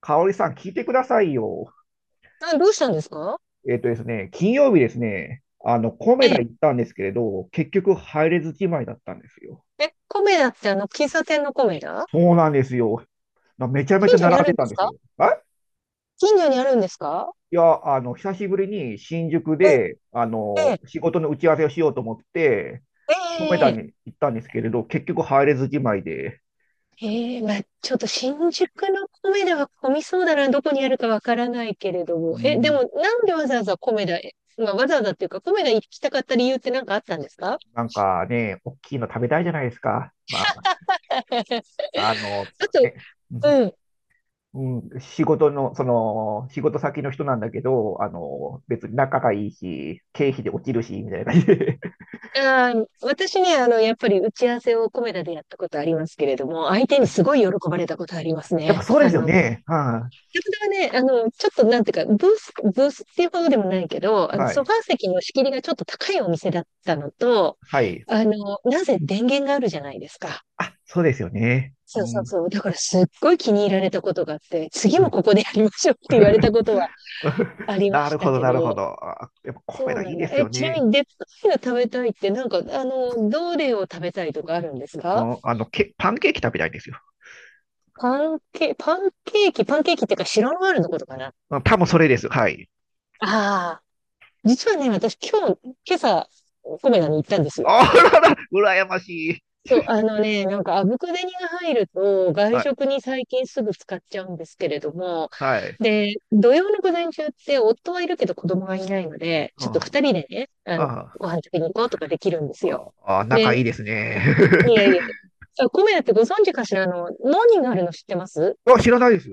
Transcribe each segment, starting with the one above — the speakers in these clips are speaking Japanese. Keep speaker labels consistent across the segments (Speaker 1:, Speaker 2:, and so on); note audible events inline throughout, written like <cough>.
Speaker 1: かおりさん、聞いてくださいよ。
Speaker 2: あ、どうしたんですか？
Speaker 1: えっとですね、金曜日ですね、コ
Speaker 2: え
Speaker 1: メダ
Speaker 2: え、
Speaker 1: 行ったんですけれど、結局入れずじまいだったんですよ。
Speaker 2: え、コメダってあの、喫茶店のコメダ？
Speaker 1: そうなんですよ。なめちゃめちゃ
Speaker 2: 近所
Speaker 1: 並
Speaker 2: にあ
Speaker 1: ん
Speaker 2: る
Speaker 1: で
Speaker 2: んで
Speaker 1: たん
Speaker 2: す
Speaker 1: です
Speaker 2: か？
Speaker 1: よ。あ
Speaker 2: 近所にあるんですか？
Speaker 1: いや、あの、久しぶりに新宿
Speaker 2: え
Speaker 1: で、
Speaker 2: え、
Speaker 1: 仕事の打ち合わせをしようと思って、
Speaker 2: え
Speaker 1: コメ
Speaker 2: え、え
Speaker 1: ダ
Speaker 2: え、
Speaker 1: に行ったんですけれど、結局入れずじまいで。
Speaker 2: ええ、まあ、ちょっと新宿のコメダは混みそうだな、どこにあるかわからないけれど
Speaker 1: う
Speaker 2: も。え、で
Speaker 1: ん、
Speaker 2: も、なんでわざわざコメダへ、まあ、わざわざっていうか、コメダ行きたかった理由って何かあったんですか？
Speaker 1: なんかね、大きいの食べたいじゃないですか。まあ、
Speaker 2: <laughs> あ
Speaker 1: あの、
Speaker 2: と、
Speaker 1: ね、うん
Speaker 2: うん。
Speaker 1: うん、仕事先の人なんだけど、別に仲がいいし、経費で落ちるし、みたいな感じで。
Speaker 2: あー、私ね、あの、やっぱり打ち合わせをコメダでやったことありますけれども、相手
Speaker 1: <laughs> は
Speaker 2: に
Speaker 1: い。
Speaker 2: すごい喜ばれたことあります
Speaker 1: やっ
Speaker 2: ね。
Speaker 1: ぱそうで
Speaker 2: あ
Speaker 1: すよ
Speaker 2: の、
Speaker 1: ね。は
Speaker 2: はね、あの、ちょっとなんていうか、ブースっていうほどでもないけど、あ
Speaker 1: い。
Speaker 2: の、
Speaker 1: は
Speaker 2: ソフ
Speaker 1: い。
Speaker 2: ァー席の仕切りがちょっと高いお店だったのと、
Speaker 1: はい。
Speaker 2: あの、なぜ電源があるじゃないですか。
Speaker 1: あ、そうですよね。
Speaker 2: そ
Speaker 1: う
Speaker 2: うそう
Speaker 1: ん。
Speaker 2: そう。だからすっごい気に入られたことがあって、次
Speaker 1: は
Speaker 2: も
Speaker 1: い。
Speaker 2: ここでやりましょうって言われたことはあ
Speaker 1: <laughs>
Speaker 2: りま
Speaker 1: な
Speaker 2: し
Speaker 1: る
Speaker 2: た
Speaker 1: ほど、
Speaker 2: け
Speaker 1: なるほど。
Speaker 2: ど、
Speaker 1: あ、やっぱコ
Speaker 2: そ
Speaker 1: メ
Speaker 2: う
Speaker 1: ダ
Speaker 2: な
Speaker 1: いい
Speaker 2: んだ。
Speaker 1: です
Speaker 2: え、
Speaker 1: よ
Speaker 2: ちなみ
Speaker 1: ね。
Speaker 2: に、でっかいの食べたいって、なんか、あの、どれを食べたいとかあるんです
Speaker 1: う
Speaker 2: か？
Speaker 1: ん、パンケーキ食べたいんですよ。
Speaker 2: パンケーキっていうか、白ノワールのことかな。あ
Speaker 1: うん、多分それです。はい。
Speaker 2: あ。実はね、私今日、今朝、コメダに行ったんですよ。
Speaker 1: あらら、羨ましい。
Speaker 2: そう、あのね、なんか、あぶく銭が入ると、外
Speaker 1: はい。
Speaker 2: 食に最近すぐ使っちゃうんですけれども、
Speaker 1: はい。
Speaker 2: で、土曜の午前中って、夫はいるけど子供がいないので、
Speaker 1: う
Speaker 2: ちょっと
Speaker 1: ん、
Speaker 2: 二人でね、あの、
Speaker 1: あ
Speaker 2: ご飯食べに行こうとかできるんですよ。
Speaker 1: あ、あ、仲いい
Speaker 2: で、
Speaker 1: ですね。
Speaker 2: いやいや、あ、コメダってご存知かしら、あの、何があるの知ってます？
Speaker 1: <laughs> あ、知らないです。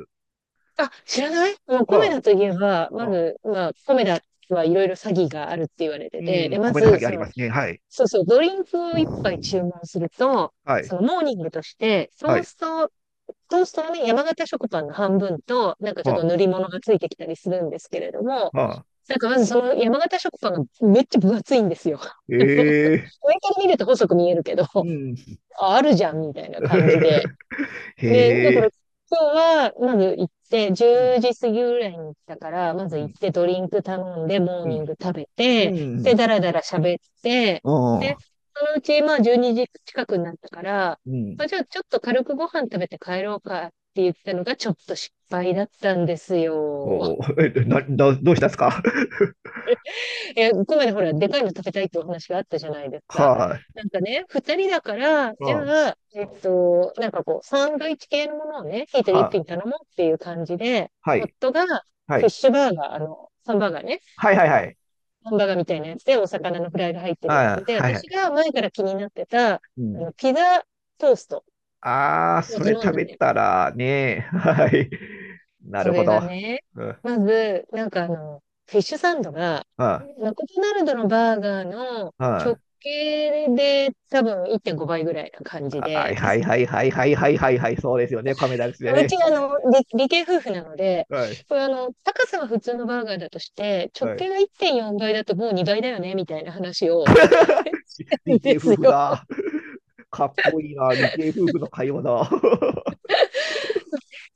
Speaker 2: あ、知らない？もうコメ
Speaker 1: は
Speaker 2: ダといえば、ま
Speaker 1: あ、
Speaker 2: ず、まあ、コメダはいろいろ詐欺があるって言われ
Speaker 1: う
Speaker 2: てて、
Speaker 1: ん、
Speaker 2: で、ま
Speaker 1: 米の
Speaker 2: ず、
Speaker 1: 先あ
Speaker 2: そ
Speaker 1: りま
Speaker 2: の、
Speaker 1: すね。はい。
Speaker 2: そうそう、ドリンクを一杯注文すると、
Speaker 1: はい。
Speaker 2: そのモーニングとして、ト
Speaker 1: は
Speaker 2: ー
Speaker 1: い。
Speaker 2: スト、トーストのね、山形食パンの半分と、なんかちょっと
Speaker 1: は
Speaker 2: 塗り物がついてきたりするんですけれども、
Speaker 1: あ、はあ。
Speaker 2: なんかまずその山形食パンがめっちゃ分厚いんですよ。<laughs> あの上
Speaker 1: ええ、
Speaker 2: から見ると細く見えるけど、
Speaker 1: うん。
Speaker 2: ああるじゃんみたいな感じで。
Speaker 1: <laughs>
Speaker 2: で、だ
Speaker 1: へ
Speaker 2: から
Speaker 1: え。
Speaker 2: 今日は、まず行って、
Speaker 1: う
Speaker 2: 10
Speaker 1: ん。
Speaker 2: 時過ぎぐらいに来たから、ま
Speaker 1: う
Speaker 2: ず行っ
Speaker 1: ん。
Speaker 2: てドリンク頼んで、モー
Speaker 1: う
Speaker 2: ニン
Speaker 1: ん。
Speaker 2: グ食べて、
Speaker 1: う
Speaker 2: で、
Speaker 1: ん。
Speaker 2: だらだら喋って、
Speaker 1: あ
Speaker 2: で、
Speaker 1: あ。
Speaker 2: そのうち、まあ、12時近くになったから、
Speaker 1: うん。
Speaker 2: まあ、じゃあちょっと軽くご飯食べて帰ろうかって言ったのが、ちょっと失敗だったんですよ。
Speaker 1: おお。え、な、な、どうしたんですか？
Speaker 2: え、ここまでほら、でかいの食べたいってお話があったじゃないです
Speaker 1: <laughs>
Speaker 2: か。
Speaker 1: は
Speaker 2: なんかね、二人だから、
Speaker 1: い。ああ。
Speaker 2: じ
Speaker 1: は
Speaker 2: ゃあ、なんかこう、サンドイッチ系のものをね、一人一
Speaker 1: あ。
Speaker 2: 品頼もうっていう感じで、
Speaker 1: はい。
Speaker 2: 夫が
Speaker 1: は
Speaker 2: フィッ
Speaker 1: い。
Speaker 2: シュバーガー、あの、サンバーガーね、
Speaker 1: はいはいはい。
Speaker 2: ハンバーガーみたいなやつで、お魚のフライが入って
Speaker 1: あ
Speaker 2: るや
Speaker 1: あ、
Speaker 2: つで、
Speaker 1: はいはい。
Speaker 2: 私が前から気になってた、あ
Speaker 1: うん。
Speaker 2: の、ピザトースト
Speaker 1: ああ、
Speaker 2: を
Speaker 1: それ
Speaker 2: 頼ん
Speaker 1: 食
Speaker 2: だ
Speaker 1: べ
Speaker 2: んだよね。
Speaker 1: たらね。<laughs> はい。な
Speaker 2: そ
Speaker 1: るほ
Speaker 2: れ
Speaker 1: ど。
Speaker 2: がね、
Speaker 1: うん。
Speaker 2: まず、なんかあの、フィッシュサンドが、マクドナルドのバーガーの
Speaker 1: あ
Speaker 2: 直
Speaker 1: あ。
Speaker 2: 径で多分1.5倍ぐらいな感じ
Speaker 1: はい
Speaker 2: で、
Speaker 1: はいはいはいはいはいはいはい、そうですよね、亀田ですよ
Speaker 2: うち
Speaker 1: ね。
Speaker 2: あの、理系夫婦なので、
Speaker 1: はい
Speaker 2: これあの、高さは普通のバーガーだとして、直
Speaker 1: はい。
Speaker 2: 径が1.4倍だともう2倍だよね、みたいな話を、
Speaker 1: <laughs> 理
Speaker 2: <laughs>
Speaker 1: 系
Speaker 2: です
Speaker 1: 夫婦
Speaker 2: よ。
Speaker 1: だ。かっこいいな、理系夫婦の会話だ。<laughs> は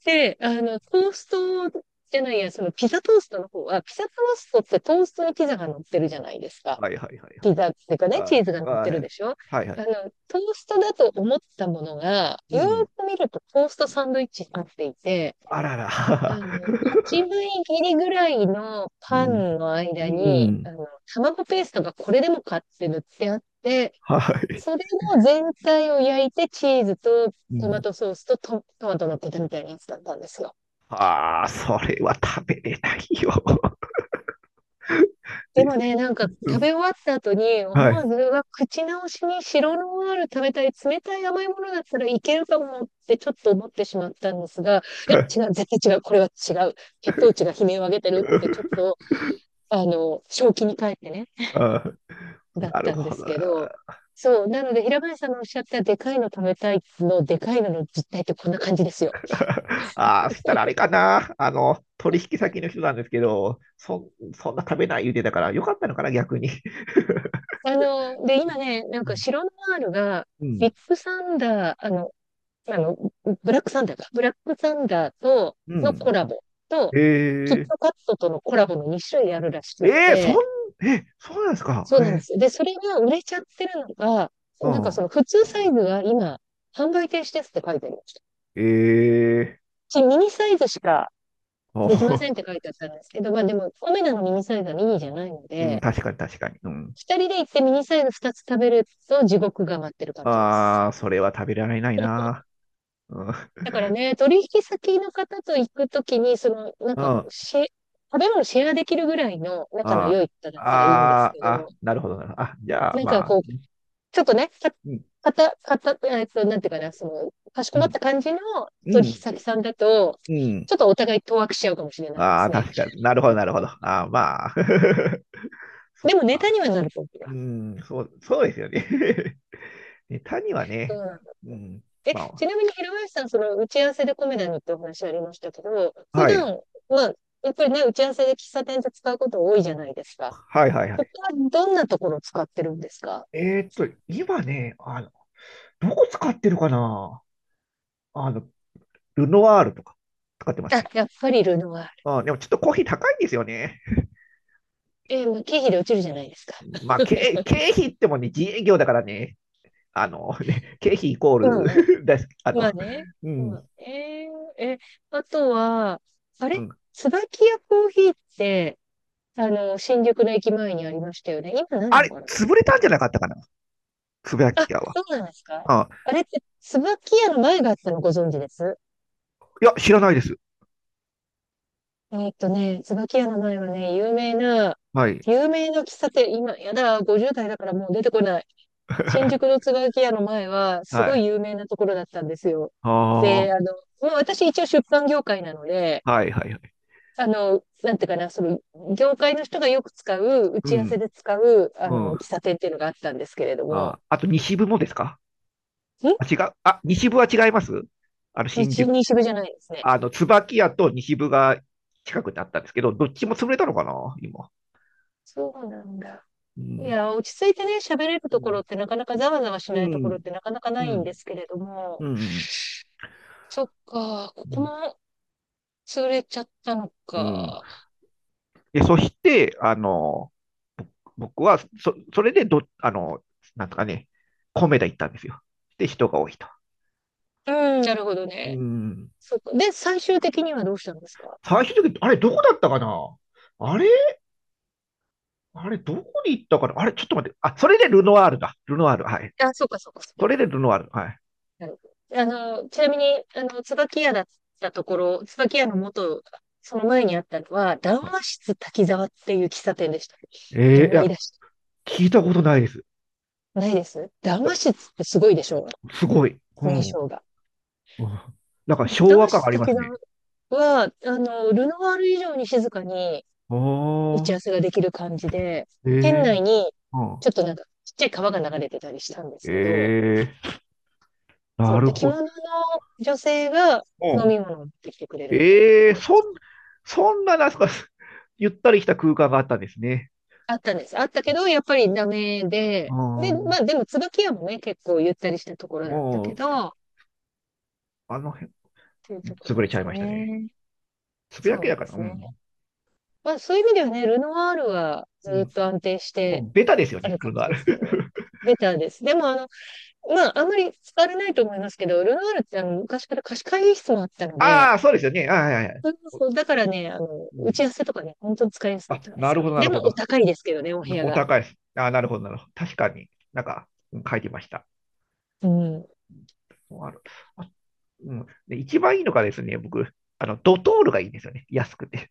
Speaker 2: で、あの、トーストじゃないや、そのピザトーストの方は、ピザトーストってトーストにピザが乗ってるじゃないです
Speaker 1: い
Speaker 2: か。
Speaker 1: はいはいはい。
Speaker 2: ピザっていうかね、チ
Speaker 1: はい
Speaker 2: ーズが乗っ
Speaker 1: はい
Speaker 2: てるでしょ？
Speaker 1: はいはい。
Speaker 2: あの、トーストだと思ったものが、
Speaker 1: う
Speaker 2: よー
Speaker 1: ん。
Speaker 2: く見るとトーストサンドイッチになっていて、
Speaker 1: あらら。
Speaker 2: あの、8分
Speaker 1: <laughs>
Speaker 2: 切りぐらいの
Speaker 1: う
Speaker 2: パ
Speaker 1: ん。
Speaker 2: ンの間
Speaker 1: う
Speaker 2: に、
Speaker 1: ん。
Speaker 2: あの、卵ペーストがこれでもかって塗ってあって、
Speaker 1: はい。
Speaker 2: それの全体を焼いてチーズと
Speaker 1: う
Speaker 2: トマ
Speaker 1: ん。
Speaker 2: トソースとトマト乗ってたみたいなやつだったんですよ。
Speaker 1: ああ、それは食べれないよ。<laughs>
Speaker 2: で
Speaker 1: で
Speaker 2: も
Speaker 1: す。
Speaker 2: ね、なんか
Speaker 1: う
Speaker 2: 食
Speaker 1: ん。
Speaker 2: べ終わった後に思
Speaker 1: はい。
Speaker 2: わず、うわ、口直しに白ノワール食べたい、冷たい甘いものだったらいけるかもってちょっと思ってしまったんですが、いや、
Speaker 1: はい。
Speaker 2: 違う、絶対違う、これは違う。血糖値が悲鳴を上げてるってちょっ
Speaker 1: <laughs>
Speaker 2: と、あの、正気に帰ってね、
Speaker 1: あー、
Speaker 2: だっ
Speaker 1: なる
Speaker 2: たんで
Speaker 1: ほ
Speaker 2: す
Speaker 1: ど。
Speaker 2: けど、そう、なので平林さんのおっしゃったでかいの食べたいの、でかいのの実態ってこんな感じですよ。
Speaker 1: <laughs> ああ、そしたらあれかな。取引先の人なんですけど、そんな食べない言うてたから、よかったのかな、逆に。
Speaker 2: あの、で、今ね、なんか
Speaker 1: <laughs>
Speaker 2: 白ノワールが、
Speaker 1: うん。
Speaker 2: ビッグサンダー、あの、あの、ブラックサンダーか。ブラックサンダーとのコ
Speaker 1: う
Speaker 2: ラボと、キッ
Speaker 1: ん。ええ
Speaker 2: トカットとのコラボの2種類あるらしく
Speaker 1: えー
Speaker 2: っ
Speaker 1: えーそ
Speaker 2: て、
Speaker 1: ん、え、そうなんですか。
Speaker 2: そうなんで
Speaker 1: ええ、
Speaker 2: すよ。で、それが売れちゃってるのが、
Speaker 1: う
Speaker 2: なんかそ
Speaker 1: ん。
Speaker 2: の普通サイズが今、販売停止ですって書いてありました。う
Speaker 1: ええ、
Speaker 2: ちミニサイズしかできませ
Speaker 1: あ。
Speaker 2: んって書いてあったんですけど、まあでも、オメダのミニサイズはミニじゃないの
Speaker 1: <laughs> うん、
Speaker 2: で、
Speaker 1: 確かに確かに。うん。
Speaker 2: 二人で行ってミニサイズ二つ食べると地獄が待ってる感じです。
Speaker 1: ああ、それは食べられないな。うん。
Speaker 2: だからね、取引先の方と行くときに、その、なん
Speaker 1: うん。
Speaker 2: かこう、
Speaker 1: あ
Speaker 2: し、食べ物シェアできるぐらいの仲の
Speaker 1: あ、
Speaker 2: 良い方だったらいいんです
Speaker 1: あ
Speaker 2: け
Speaker 1: あ、
Speaker 2: ど、
Speaker 1: なるほどなるほど。あ、じゃあ、
Speaker 2: なんか
Speaker 1: まあ、
Speaker 2: こう、ちょっとね、か、
Speaker 1: うん。
Speaker 2: かた、かた、なんていうかな、その、かしこ
Speaker 1: う
Speaker 2: まっ
Speaker 1: ん。
Speaker 2: た感じの
Speaker 1: う
Speaker 2: 取引
Speaker 1: ん。
Speaker 2: 先さんだと、
Speaker 1: うん。
Speaker 2: ちょっとお互い当惑しちゃうかもしれないで
Speaker 1: あ
Speaker 2: す
Speaker 1: あ、
Speaker 2: ね。
Speaker 1: 確かに。なるほど、なるほど。ああ、まあ。<laughs> そっ
Speaker 2: でもネ
Speaker 1: か。
Speaker 2: タにはなると思う。
Speaker 1: うん、そう、そうですよね。<laughs> ネタは
Speaker 2: そう
Speaker 1: ね、
Speaker 2: なんだ。
Speaker 1: うん、
Speaker 2: え、
Speaker 1: まあ、
Speaker 2: ちなみに、平林さん、その、打ち合わせでコメダにってお話ありましたけど、普
Speaker 1: はい、
Speaker 2: 段、まあ、やっぱりね、打ち合わせで喫茶店で使うこと多いじゃないですか。
Speaker 1: はいはいは
Speaker 2: 他
Speaker 1: い。
Speaker 2: どんなところを使ってるんですか？
Speaker 1: 今ね、どこ使ってるかな。あの、ルノワールとか使ってます
Speaker 2: あ、
Speaker 1: ね。
Speaker 2: やっぱりルノワー
Speaker 1: うん、でもちょっとコーヒー高いんですよね。
Speaker 2: ル。えーまあ、経費で落ちるじゃないですか。
Speaker 1: まあ、経費ってもね、自営業だからね、経費イコー
Speaker 2: うん、
Speaker 1: ル <laughs> です、
Speaker 2: まあね。まあね。
Speaker 1: う
Speaker 2: う
Speaker 1: ん、
Speaker 2: んえーえ、あとは、あ
Speaker 1: う
Speaker 2: れ
Speaker 1: ん。
Speaker 2: 椿屋コーヒーって、あの、新宿の駅前にありましたよね。今ない
Speaker 1: あ
Speaker 2: の
Speaker 1: れ、
Speaker 2: かな？
Speaker 1: 潰れたんじゃなかったかな、つぶや
Speaker 2: あ、
Speaker 1: き屋は。
Speaker 2: そうなんですか？
Speaker 1: うん。
Speaker 2: あれって、椿屋の前があったのご存知です？
Speaker 1: いや、知らないです。
Speaker 2: えーっとね、椿屋の前はね、有名な、
Speaker 1: はい。
Speaker 2: 有名な喫茶店、今、やだ、50代だからもう出てこない。新宿の
Speaker 1: <laughs>
Speaker 2: 椿屋の前は、す
Speaker 1: は
Speaker 2: ごい
Speaker 1: い。
Speaker 2: 有名なところだったんですよ。
Speaker 1: ああ、
Speaker 2: で、
Speaker 1: は
Speaker 2: あの、まあ、私一応出版業界なので、
Speaker 1: いはいはい。
Speaker 2: あの、なんていうかな、その、業界の人がよく使う、打
Speaker 1: う
Speaker 2: ち合わせ
Speaker 1: ん、
Speaker 2: で使う、あ
Speaker 1: う
Speaker 2: の、喫
Speaker 1: ん。
Speaker 2: 茶店っていうのがあったんですけれど
Speaker 1: あ、
Speaker 2: も、
Speaker 1: あと西部もですか？
Speaker 2: ん、
Speaker 1: あ、違う。あ、西部は違います。新
Speaker 2: 日、
Speaker 1: 宿、
Speaker 2: 西部じゃないですね。
Speaker 1: 椿屋と西部が近くにあったんですけど、どっちも潰れたのかな今。
Speaker 2: そうなんだ。
Speaker 1: う
Speaker 2: い
Speaker 1: ん、
Speaker 2: や、落ち着いてね、喋れる
Speaker 1: う
Speaker 2: ところ
Speaker 1: ん、
Speaker 2: ってなかなか、ざわざわし
Speaker 1: う
Speaker 2: ないところ
Speaker 1: ん、
Speaker 2: ってなかなかな
Speaker 1: う
Speaker 2: いんで
Speaker 1: ん、
Speaker 2: すけれども、
Speaker 1: うん、
Speaker 2: そっか、こ
Speaker 1: う
Speaker 2: こ
Speaker 1: ん。
Speaker 2: も潰れちゃったの
Speaker 1: うん。
Speaker 2: か。
Speaker 1: で、そして、あの、僕は、そ、それでど、あの、なんとかね、米田行ったんですよ。で、人が多いと。
Speaker 2: うん。なるほど
Speaker 1: う
Speaker 2: ね。
Speaker 1: ん。
Speaker 2: そうか。で、最終的にはどうしたんですか？
Speaker 1: 最終的に、あれ、どこだったかな。あれあれ、どこに行ったかな。あれ、ちょっと待って。あ、それでルノワールだ。ルノワール。はい。
Speaker 2: あ、そうか、そうか、そう
Speaker 1: そ
Speaker 2: か。
Speaker 1: れでルノワール。はい。
Speaker 2: なるほど。あの、ちなみに、あの、椿屋だったところ、椿屋の元、その前にあったのは、談話室滝沢っていう喫茶店でした。
Speaker 1: えー、い
Speaker 2: 思い
Speaker 1: や、
Speaker 2: 出し
Speaker 1: 聞いたことないです。
Speaker 2: た。ないです、談
Speaker 1: あ、
Speaker 2: 話室ってすごいでしょ
Speaker 1: すごい。う
Speaker 2: う
Speaker 1: ん。
Speaker 2: 印
Speaker 1: うん。
Speaker 2: 象が。
Speaker 1: なんか昭
Speaker 2: 談
Speaker 1: 和
Speaker 2: 話
Speaker 1: 感
Speaker 2: 室
Speaker 1: ありま
Speaker 2: 滝
Speaker 1: すね。
Speaker 2: 沢は、ルノワール以上に静かに
Speaker 1: あ
Speaker 2: 打ち合
Speaker 1: あ、
Speaker 2: わせができる感じで、
Speaker 1: え
Speaker 2: 店
Speaker 1: え、
Speaker 2: 内に、
Speaker 1: う
Speaker 2: ち
Speaker 1: ん。
Speaker 2: ょっとなんか、ちっちゃい川が流れてたりしたんですけど、
Speaker 1: ええ、な
Speaker 2: そう。
Speaker 1: る
Speaker 2: で、着
Speaker 1: ほど。
Speaker 2: 物の女性が
Speaker 1: う
Speaker 2: 飲
Speaker 1: ん。
Speaker 2: み物を持ってきてくれるみたいなと
Speaker 1: ええ、
Speaker 2: ころ
Speaker 1: そんな、なんすか。<laughs> ゆったりした空間があったんですね。
Speaker 2: あったんです。あったけど、やっぱりダメ
Speaker 1: う
Speaker 2: で、で、ま
Speaker 1: ん。
Speaker 2: あでも椿屋もね、結構ゆったりしたところだった
Speaker 1: も
Speaker 2: け
Speaker 1: う、
Speaker 2: ど、っ
Speaker 1: あの辺、
Speaker 2: ていうところ
Speaker 1: 潰
Speaker 2: で
Speaker 1: れちゃい
Speaker 2: す
Speaker 1: ましたね。
Speaker 2: ね。
Speaker 1: つぶ
Speaker 2: そ
Speaker 1: や
Speaker 2: う
Speaker 1: き
Speaker 2: なん
Speaker 1: だか
Speaker 2: で
Speaker 1: ら、
Speaker 2: す
Speaker 1: う
Speaker 2: ね。
Speaker 1: ん。
Speaker 2: まあそういう意味ではね、ルノワールは
Speaker 1: う
Speaker 2: ずっ
Speaker 1: ん。
Speaker 2: と安定し
Speaker 1: も
Speaker 2: て
Speaker 1: うベタですよ
Speaker 2: あ
Speaker 1: ね、
Speaker 2: る感
Speaker 1: ル
Speaker 2: じ
Speaker 1: ナー
Speaker 2: ですけどね。
Speaker 1: ル。
Speaker 2: ベターです。でもまああんまり使われないと思いますけど、ルノワールって昔から貸し会議室もあった
Speaker 1: <laughs>
Speaker 2: ので、
Speaker 1: ああ、そうですよね。ああ、はいはいはい。
Speaker 2: そう
Speaker 1: お、
Speaker 2: そう、だからね、
Speaker 1: う
Speaker 2: 打ち合
Speaker 1: ん、
Speaker 2: わせとかね、本当に使いやすかっ
Speaker 1: あ、
Speaker 2: たんで
Speaker 1: な
Speaker 2: す
Speaker 1: る
Speaker 2: よ。
Speaker 1: ほど、な
Speaker 2: で
Speaker 1: る
Speaker 2: も
Speaker 1: ほ
Speaker 2: お
Speaker 1: ど。
Speaker 2: 高いですけどね、お部屋
Speaker 1: お
Speaker 2: が。
Speaker 1: 高いです。ああ、なるほど、なるほど。確かになんか、うん、書いてました。
Speaker 2: うん。
Speaker 1: ある。あ、うん。で、一番いいのがですね、僕、ドトールがいいんですよね。安くて。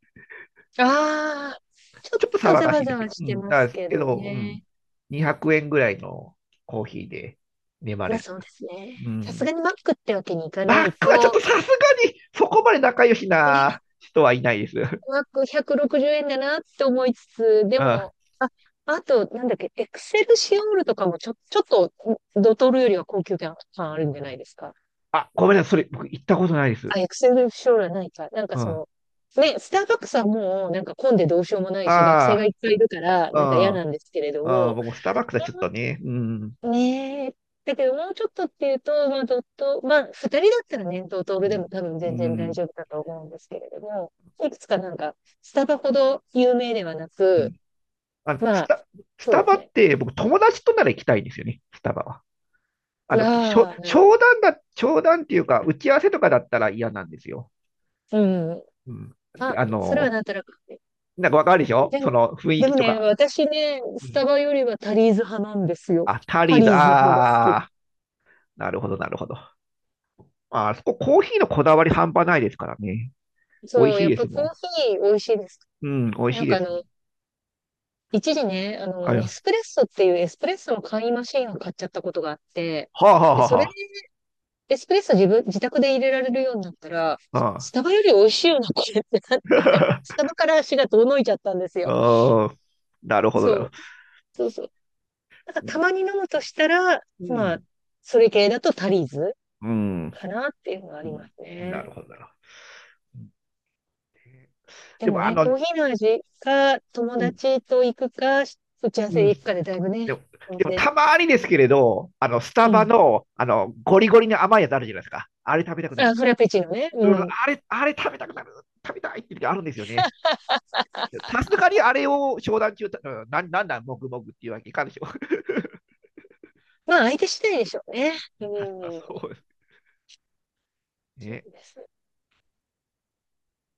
Speaker 2: ああ、ちょっ
Speaker 1: ちょっと
Speaker 2: と
Speaker 1: 騒
Speaker 2: ざ
Speaker 1: がし
Speaker 2: わ
Speaker 1: いで
Speaker 2: ざ
Speaker 1: すけ
Speaker 2: わ
Speaker 1: ど。
Speaker 2: し
Speaker 1: う
Speaker 2: て
Speaker 1: ん。
Speaker 2: ま
Speaker 1: だ
Speaker 2: す
Speaker 1: です
Speaker 2: け
Speaker 1: け
Speaker 2: ど
Speaker 1: ど、うん。
Speaker 2: ね。
Speaker 1: 200円ぐらいのコーヒーで眠
Speaker 2: ま
Speaker 1: れ
Speaker 2: あ
Speaker 1: る。
Speaker 2: そうですね。
Speaker 1: う
Speaker 2: さすが
Speaker 1: ん。
Speaker 2: にマックってわけにいかな
Speaker 1: マッ
Speaker 2: い
Speaker 1: クはちょっと
Speaker 2: と、
Speaker 1: さすがに、そこまで仲良し
Speaker 2: ね、
Speaker 1: な人はいないです。<laughs>
Speaker 2: マック160円だなって思いつつ、で
Speaker 1: うん。
Speaker 2: も、あ、あと、なんだっけ、エクセルシオールとかもちょ、ちょっと、ドトールよりは高級感あるんじゃないですか。
Speaker 1: あ、ごめんなさい。それ、僕行ったことないです。
Speaker 2: あ、エクセル将来ないか。なんか
Speaker 1: うん。
Speaker 2: そ
Speaker 1: あ
Speaker 2: の、ね、スターバックスはもう、なんか混んでどうしようもないし、学生が
Speaker 1: あ、
Speaker 2: いっぱいいるから、
Speaker 1: うん、
Speaker 2: なんか嫌
Speaker 1: あ
Speaker 2: なんですけれど
Speaker 1: あ、
Speaker 2: も、
Speaker 1: 僕もスターバックスはちょっとね、うん、
Speaker 2: ねえ、だけどもうちょっとっていうと、まあ、ドット、まあ、二人だったらね、ドトー
Speaker 1: う
Speaker 2: ルで
Speaker 1: ん、
Speaker 2: も多分
Speaker 1: う
Speaker 2: 全然大
Speaker 1: ん。
Speaker 2: 丈夫だと思うんですけれども、いくつかなんか、スタバほど有名ではなく、
Speaker 1: あの、ス
Speaker 2: まあ、
Speaker 1: タ、ス
Speaker 2: そう
Speaker 1: タ
Speaker 2: で
Speaker 1: バ
Speaker 2: す
Speaker 1: っ
Speaker 2: ね。
Speaker 1: て僕友達となら行きたいんですよね、スタバは。あの、しょ、
Speaker 2: ああ、なるほど。
Speaker 1: 商談だ、商談っていうか、打ち合わせとかだったら嫌なんですよ。
Speaker 2: うん。
Speaker 1: うん。で、
Speaker 2: あ、それはなんとなく。
Speaker 1: なんかわかるでしょ、
Speaker 2: で
Speaker 1: そ
Speaker 2: も、
Speaker 1: の雰囲
Speaker 2: で
Speaker 1: 気
Speaker 2: も
Speaker 1: と
Speaker 2: ね、
Speaker 1: か。
Speaker 2: 私ね、
Speaker 1: う
Speaker 2: スタ
Speaker 1: ん。
Speaker 2: バよりはタリーズ派なんですよ。
Speaker 1: あ、タ
Speaker 2: タ
Speaker 1: リー
Speaker 2: リ
Speaker 1: ズ、
Speaker 2: ーズの方が好き
Speaker 1: あ
Speaker 2: だ。
Speaker 1: あ、なるほど、なるほど。あ、あそこコーヒーのこだわり半端ないですからね。美味
Speaker 2: そう、
Speaker 1: しい
Speaker 2: やっ
Speaker 1: で
Speaker 2: ぱ
Speaker 1: す
Speaker 2: コー
Speaker 1: も
Speaker 2: ヒー美味しいです。
Speaker 1: ん。うん、美味
Speaker 2: な
Speaker 1: しい
Speaker 2: ん
Speaker 1: で
Speaker 2: か
Speaker 1: す。
Speaker 2: 一時ね、
Speaker 1: あ、
Speaker 2: ネ
Speaker 1: は
Speaker 2: スプレッソっていうエスプレッソの簡易マシンを買っちゃったことがあって、
Speaker 1: あは
Speaker 2: で、
Speaker 1: あ
Speaker 2: それで
Speaker 1: は
Speaker 2: エスプレッソ自分、自宅で入れられるようになったら、
Speaker 1: あは
Speaker 2: ス
Speaker 1: あ。
Speaker 2: タバより美味しいよな、これってなっ
Speaker 1: <laughs>
Speaker 2: て、
Speaker 1: あ
Speaker 2: スタバから足が遠のいちゃったんですよ。
Speaker 1: あ、なるほど、なるほ
Speaker 2: そ
Speaker 1: ど。
Speaker 2: う、そうそう。なんか
Speaker 1: う
Speaker 2: た
Speaker 1: ん。
Speaker 2: まに飲むとしたら、まあ、それ系だとタリーズ
Speaker 1: うん。
Speaker 2: かなっていうのがあ
Speaker 1: う
Speaker 2: りま
Speaker 1: ん。
Speaker 2: す
Speaker 1: な
Speaker 2: ね。
Speaker 1: るほど、なるほど。
Speaker 2: で
Speaker 1: で
Speaker 2: も
Speaker 1: も、
Speaker 2: ね、コー
Speaker 1: う
Speaker 2: ヒーの味か、友
Speaker 1: ん、
Speaker 2: 達と行くか、打ち合わ
Speaker 1: う
Speaker 2: せ
Speaker 1: ん、
Speaker 2: で行くかでだいぶね、
Speaker 1: でも、
Speaker 2: お店、
Speaker 1: たまにですけれど、スタ
Speaker 2: う
Speaker 1: バ
Speaker 2: ん。
Speaker 1: の、ゴリゴリの甘いやつあるじゃないですか。あれ食べたくな
Speaker 2: あ、
Speaker 1: る。
Speaker 2: フラペチーノね。う
Speaker 1: うん、
Speaker 2: ん。
Speaker 1: あれ食べたくなる。食べたいって時あるんですよね。さすがにあれを商談中、うん、なんなんだ、もぐもぐっていうわけいかんでしょう。
Speaker 2: まあ、相手次第でしょうね。う
Speaker 1: <laughs> 確か
Speaker 2: ん。
Speaker 1: そうです
Speaker 2: そ
Speaker 1: ね。
Speaker 2: うですね。